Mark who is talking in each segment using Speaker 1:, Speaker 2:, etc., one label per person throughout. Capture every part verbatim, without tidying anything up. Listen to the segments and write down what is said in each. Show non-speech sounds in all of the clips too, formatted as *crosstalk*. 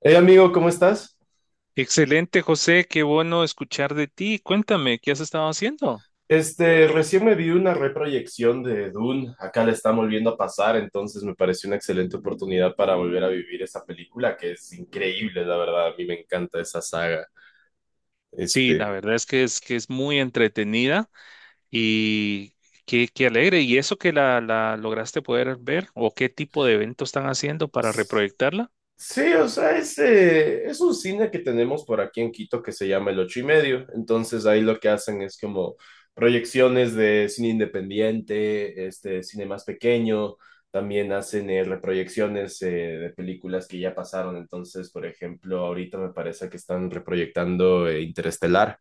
Speaker 1: Hey amigo, ¿cómo estás?
Speaker 2: Excelente, José, qué bueno escuchar de ti. Cuéntame, ¿qué has estado haciendo?
Speaker 1: Este, recién me vi una reproyección de Dune, acá la están volviendo a pasar, entonces me pareció una excelente oportunidad para volver a vivir esa película que es increíble, la verdad, a mí me encanta esa saga.
Speaker 2: Sí, la
Speaker 1: Este,
Speaker 2: verdad es que es que es muy entretenida y qué, qué alegre. ¿Y eso que la, la lograste poder ver o qué tipo de evento están haciendo para
Speaker 1: pues,
Speaker 2: reproyectarla?
Speaker 1: Sí, o sea, es, eh, es un cine que tenemos por aquí en Quito que se llama El Ocho y Medio. Entonces ahí lo que hacen es como proyecciones de cine independiente, este cine más pequeño. También hacen eh, reproyecciones eh, de películas que ya pasaron. Entonces, por ejemplo, ahorita me parece que están reproyectando eh, Interestelar,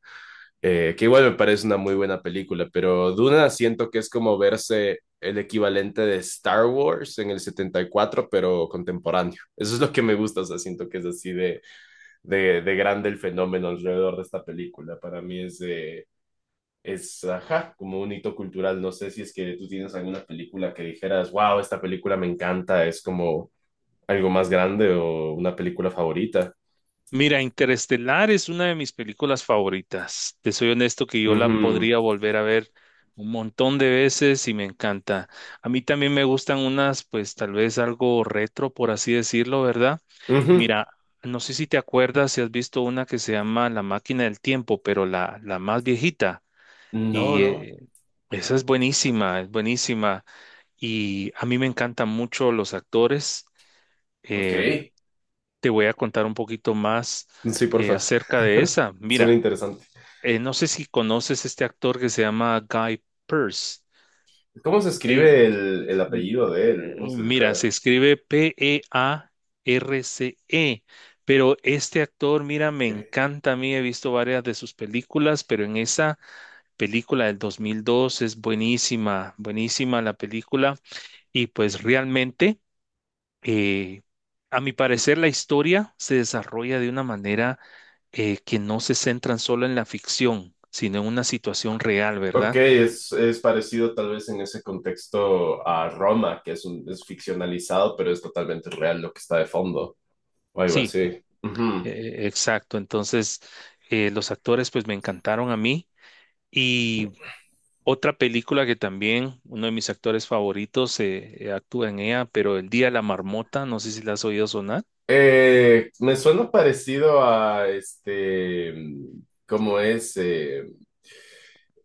Speaker 1: eh, que igual me parece una muy buena película, pero Duna siento que es como verse el equivalente de Star Wars en el setenta y cuatro pero contemporáneo. Eso es lo que me gusta, o sea, siento que es así de, de, de grande el fenómeno alrededor de esta película. Para mí es, eh, es, ajá, como un hito cultural. No sé si es que tú tienes alguna película que dijeras, wow, esta película me encanta, es como algo más grande o una película favorita.
Speaker 2: Mira, Interestelar es una de mis películas favoritas. Te soy honesto que yo la
Speaker 1: Ujú,
Speaker 2: podría volver a ver un montón de veces y me encanta. A mí también me gustan unas, pues tal vez algo retro, por así decirlo, ¿verdad?
Speaker 1: ujú.
Speaker 2: Mira, no sé si te acuerdas si has visto una que se llama La Máquina del Tiempo, pero la, la más viejita.
Speaker 1: No,
Speaker 2: Y
Speaker 1: no.
Speaker 2: eh, esa es buenísima, es buenísima. Y a mí me encantan mucho los actores.
Speaker 1: Ok.
Speaker 2: em, Te voy a contar un poquito más
Speaker 1: Sí,
Speaker 2: eh,
Speaker 1: porfa.
Speaker 2: acerca de esa.
Speaker 1: Suena
Speaker 2: Mira,
Speaker 1: interesante.
Speaker 2: eh, no sé si conoces este actor que se llama Guy Pearce.
Speaker 1: ¿Cómo se
Speaker 2: Eh,
Speaker 1: escribe el, el apellido de él?
Speaker 2: eh,
Speaker 1: ¿Cómo se
Speaker 2: Mira,
Speaker 1: letra?
Speaker 2: se escribe P E A R C E, pero este actor, mira, me
Speaker 1: Ok.
Speaker 2: encanta a mí, he visto varias de sus películas, pero en esa película del dos mil dos es buenísima, buenísima la película y pues realmente... Eh, a mi parecer, la historia se desarrolla de una manera eh, que no se centran solo en la ficción, sino en una situación real,
Speaker 1: Ok,
Speaker 2: ¿verdad?
Speaker 1: es, es parecido tal vez en ese contexto a Roma, que es, un, es ficcionalizado, pero es totalmente real lo que está de fondo, o algo
Speaker 2: Sí,
Speaker 1: así. Ujú.
Speaker 2: eh, exacto. Entonces, eh, los actores pues me encantaron a mí. Y otra película que también uno de mis actores favoritos eh, eh, actúa en ella, pero El Día de la Marmota, no sé si la has oído sonar.
Speaker 1: Eh, me suena parecido a este, mm, ¿cómo es? Eh,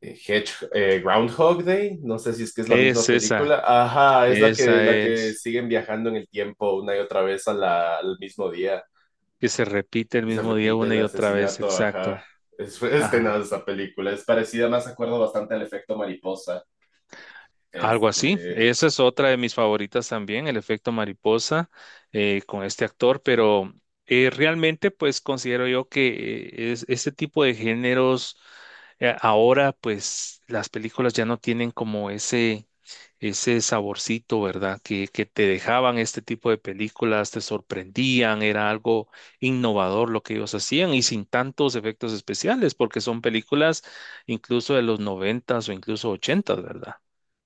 Speaker 1: Hedge- eh, Groundhog Day, no sé si es que es la misma
Speaker 2: Es
Speaker 1: película.
Speaker 2: esa,
Speaker 1: Ajá, es la que,
Speaker 2: esa
Speaker 1: la que
Speaker 2: es,
Speaker 1: siguen viajando en el tiempo una y otra vez a la- al mismo día.
Speaker 2: que se repite el
Speaker 1: Y se
Speaker 2: mismo día
Speaker 1: repite
Speaker 2: una
Speaker 1: el
Speaker 2: y otra vez,
Speaker 1: asesinato, ajá.
Speaker 2: exacto.
Speaker 1: Es, fue tenaz
Speaker 2: Ajá.
Speaker 1: esa película. Es parecida, más acuerdo bastante al efecto mariposa.
Speaker 2: Algo así.
Speaker 1: Este.
Speaker 2: Esa es otra de mis favoritas también, el efecto mariposa eh, con este actor, pero eh, realmente pues considero yo que eh, es, este tipo de géneros eh, ahora pues las películas ya no tienen como ese, ese saborcito, ¿verdad? Que, que te dejaban este tipo de películas, te sorprendían, era algo innovador lo que ellos hacían y sin tantos efectos especiales, porque son películas incluso de los noventas o incluso ochentas, ¿verdad?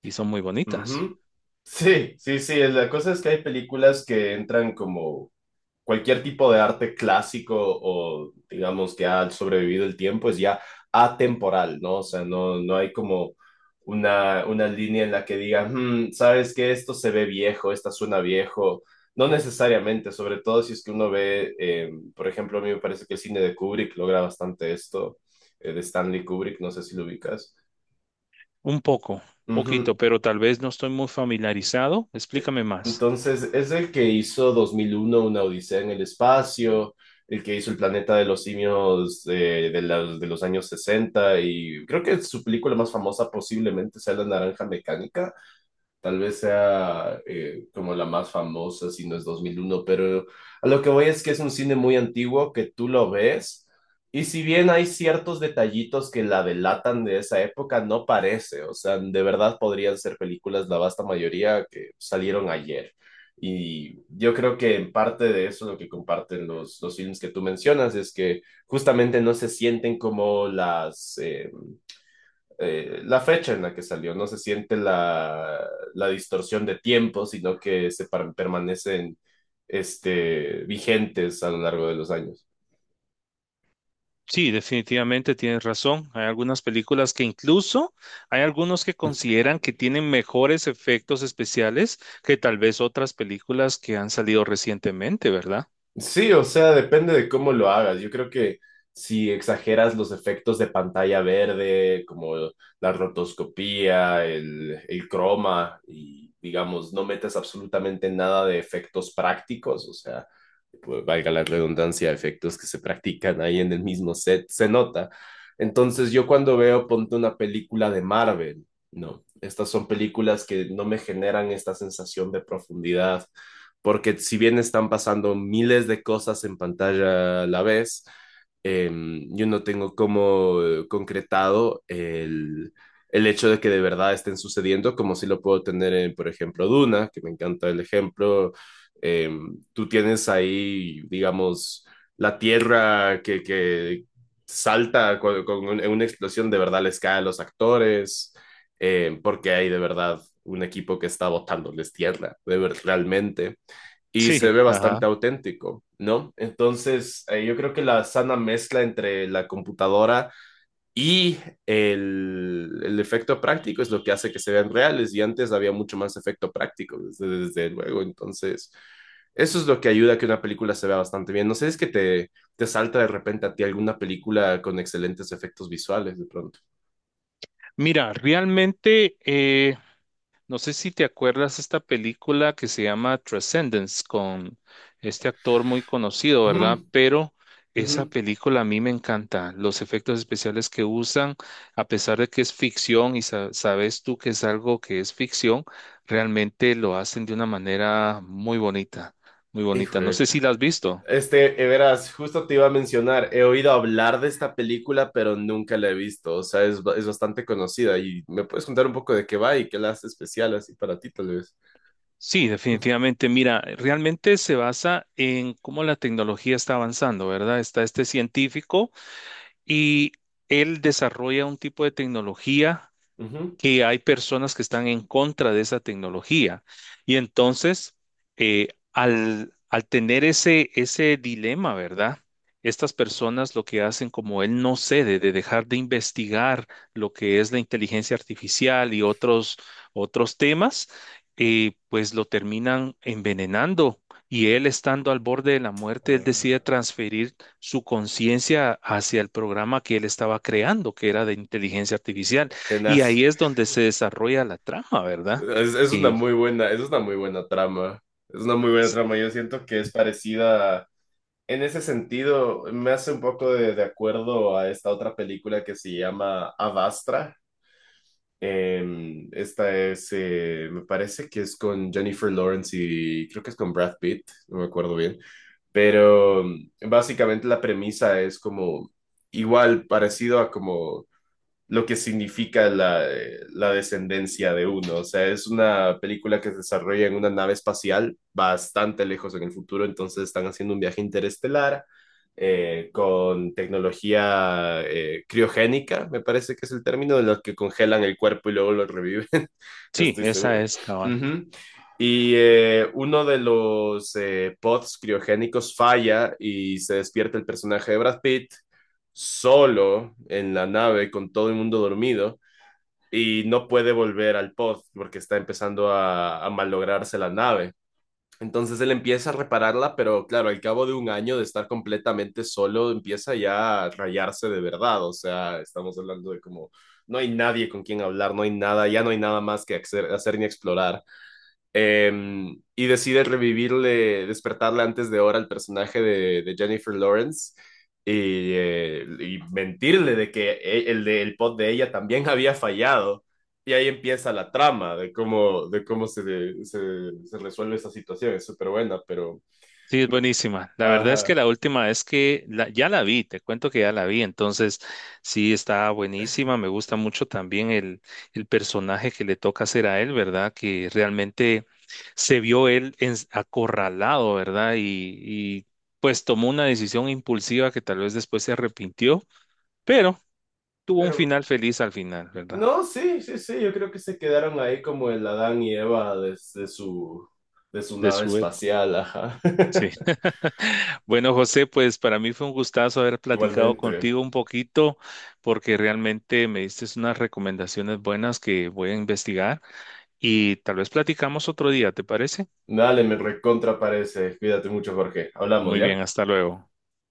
Speaker 2: Y son muy bonitas.
Speaker 1: Ujú. Sí, sí, sí. La cosa es que hay películas que entran como cualquier tipo de arte clásico o digamos que ha sobrevivido el tiempo es ya atemporal, ¿no? O sea, no, no hay como una, una línea en la que diga, "Hmm, sabes que esto se ve viejo, esta suena viejo". No necesariamente, sobre todo si es que uno ve, eh, por ejemplo, a mí me parece que el cine de Kubrick logra bastante esto, eh, de Stanley Kubrick, no sé si lo ubicas.
Speaker 2: Un poco,
Speaker 1: Ujú.
Speaker 2: poquito, pero tal vez no estoy muy familiarizado.
Speaker 1: Eh,
Speaker 2: Explícame más.
Speaker 1: Entonces, es el que hizo dos mil uno Una Odisea en el Espacio, el que hizo El Planeta de los Simios eh, de, la- de los años sesenta y creo que su película más famosa posiblemente sea La Naranja Mecánica. Tal vez sea eh, como la más famosa, si no es dos mil uno, pero a lo que voy es que es un cine muy antiguo que tú lo ves y si bien hay ciertos detallitos que la delatan de esa época, no parece, o sea, de verdad podrían ser películas, la vasta mayoría, que salieron ayer. Y yo creo que en parte de eso lo que comparten los, los films que tú mencionas es que justamente no se sienten como las... eh, eh, la fecha en la que salió. No se siente la, la distorsión de tiempo, sino que se par- permanecen este, vigentes a lo largo de los años.
Speaker 2: Sí, definitivamente tienes razón. Hay algunas películas que incluso hay algunos que consideran que tienen mejores efectos especiales que tal vez otras películas que han salido recientemente, ¿verdad?
Speaker 1: Sí, o sea, depende de cómo lo hagas. Yo creo que si exageras los efectos de pantalla verde, como la rotoscopía, el, el croma, y digamos, no metes absolutamente nada de efectos prácticos, o sea, valga la redundancia, efectos que se practican ahí en el mismo set, se nota. Entonces yo cuando veo, ponte una película de Marvel, no, estas son películas que no me generan esta sensación de profundidad, porque si bien están pasando miles de cosas en pantalla a la vez, eh, yo no tengo como concretado el, el hecho de que de verdad estén sucediendo, como si lo puedo tener en, por ejemplo, Duna, que me encanta el ejemplo. eh, Tú tienes ahí, digamos, la tierra que, que salta con, con un- una explosión, de verdad les cae a los actores, eh, porque hay de verdad un equipo que está botándoles tierra, de ver, realmente. Y se
Speaker 2: Sí,
Speaker 1: ve bastante
Speaker 2: ajá.
Speaker 1: auténtico, ¿no? Entonces, eh, yo creo que la sana mezcla entre la computadora y el, el efecto práctico es lo que hace que se vean reales y antes había mucho más efecto práctico, desde, desde luego. Entonces, eso es lo que ayuda a que una película se vea bastante bien. No sé, es que te, te salta de repente a ti alguna película con excelentes efectos visuales de pronto.
Speaker 2: Mira, realmente eh, no sé si te acuerdas esta película que se llama Transcendence con este actor muy conocido,
Speaker 1: Ujú,
Speaker 2: ¿verdad? Pero
Speaker 1: ujú.
Speaker 2: esa película a mí me encanta. Los efectos especiales que usan, a pesar de que es ficción y sa- sabes tú que es algo que es ficción, realmente lo hacen de una manera muy bonita, muy
Speaker 1: Hijo,
Speaker 2: bonita. No
Speaker 1: eh.
Speaker 2: sé si la has visto.
Speaker 1: este, eh, verás, justo te iba a mencionar, he oído hablar de esta película, pero nunca la he visto, o sea, es, ba- es bastante conocida y me puedes contar un poco de qué va y qué la hace especial así para ti, tal vez.
Speaker 2: Sí, definitivamente. Mira, realmente se basa en cómo la tecnología está avanzando, ¿verdad? Está este científico. Y él desarrolla un tipo de tecnología que hay personas que están en contra de esa tecnología. Y entonces, eh, al, al tener ese, ese dilema, ¿verdad? Estas personas lo que hacen, como él no cede de dejar de investigar lo que es la inteligencia artificial y otros, otros temas, eh, pues lo terminan envenenando. Y él estando al borde de la muerte, él decide
Speaker 1: Ujú.
Speaker 2: transferir su conciencia hacia el programa que él estaba creando, que era de inteligencia artificial. Y
Speaker 1: Tenaz.
Speaker 2: ahí es donde se desarrolla la trama, ¿verdad?
Speaker 1: Es, es una
Speaker 2: Y
Speaker 1: muy buena, es una muy buena trama. Es una muy buena
Speaker 2: s-
Speaker 1: trama. Yo siento que es parecida a- En ese sentido, me hace un poco de, de acuerdo a esta otra película que se llama Avastra. Em, esta es, eh, me parece que es con Jennifer Lawrence y creo que es con Brad Pitt, no me acuerdo bien. Pero mm, básicamente la premisa es como igual, parecido a como lo que significa la, la descendencia de uno. O sea, es una película que se desarrolla en una nave espacial bastante lejos en el futuro, entonces están haciendo un viaje interestelar eh, con tecnología eh, criogénica, me parece que es el término, de los que congelan el cuerpo y luego lo reviven, *laughs* no
Speaker 2: sí,
Speaker 1: estoy
Speaker 2: esa
Speaker 1: seguro.
Speaker 2: es, cabal.
Speaker 1: Ujú. Y eh, uno de los eh, pods criogénicos falla y se despierta el personaje de Brad Pitt solo en la nave con todo el mundo dormido y no puede volver al pod porque está empezando a, a malograrse la nave. Entonces él empieza a repararla, pero claro, al cabo de un año de estar completamente solo, empieza ya a rayarse de verdad. O sea, estamos hablando de como no hay nadie con quien hablar, no hay nada, ya no hay nada más que hacer, hacer ni explorar. Eh, y decide revivirle, despertarle antes de hora al personaje de, de Jennifer Lawrence y, eh, y mentirle de que e- el, de- el pod de ella también había fallado. Y ahí empieza la trama de cómo, de cómo se, se, se resuelve esa situación. Es súper buena, pero...
Speaker 2: Sí, es buenísima. La verdad es que
Speaker 1: Ajá,
Speaker 2: la última vez que la- ya la vi, te cuento que ya la vi, entonces sí está buenísima. Me gusta mucho también el, el personaje que le toca hacer a él, ¿verdad? Que realmente se vio él ens- acorralado, ¿verdad? Y, y pues tomó una decisión impulsiva que tal vez después se arrepintió, pero tuvo un
Speaker 1: pero...
Speaker 2: final feliz al final, ¿verdad?
Speaker 1: No, sí, sí, sí, yo creo que se quedaron ahí como el Adán y Eva desde su, de su
Speaker 2: De
Speaker 1: nave
Speaker 2: su
Speaker 1: espacial, ajá.
Speaker 2: Sí.
Speaker 1: *laughs*
Speaker 2: *laughs* Bueno, José, pues para mí fue un gustazo haber platicado
Speaker 1: Igualmente.
Speaker 2: contigo un poquito porque realmente me diste unas recomendaciones buenas que voy a investigar y tal vez platicamos otro día, ¿te parece?
Speaker 1: Dale, me recontra parece. Cuídate mucho, Jorge. Hablamos,
Speaker 2: Muy
Speaker 1: ¿ya?
Speaker 2: bien, hasta luego.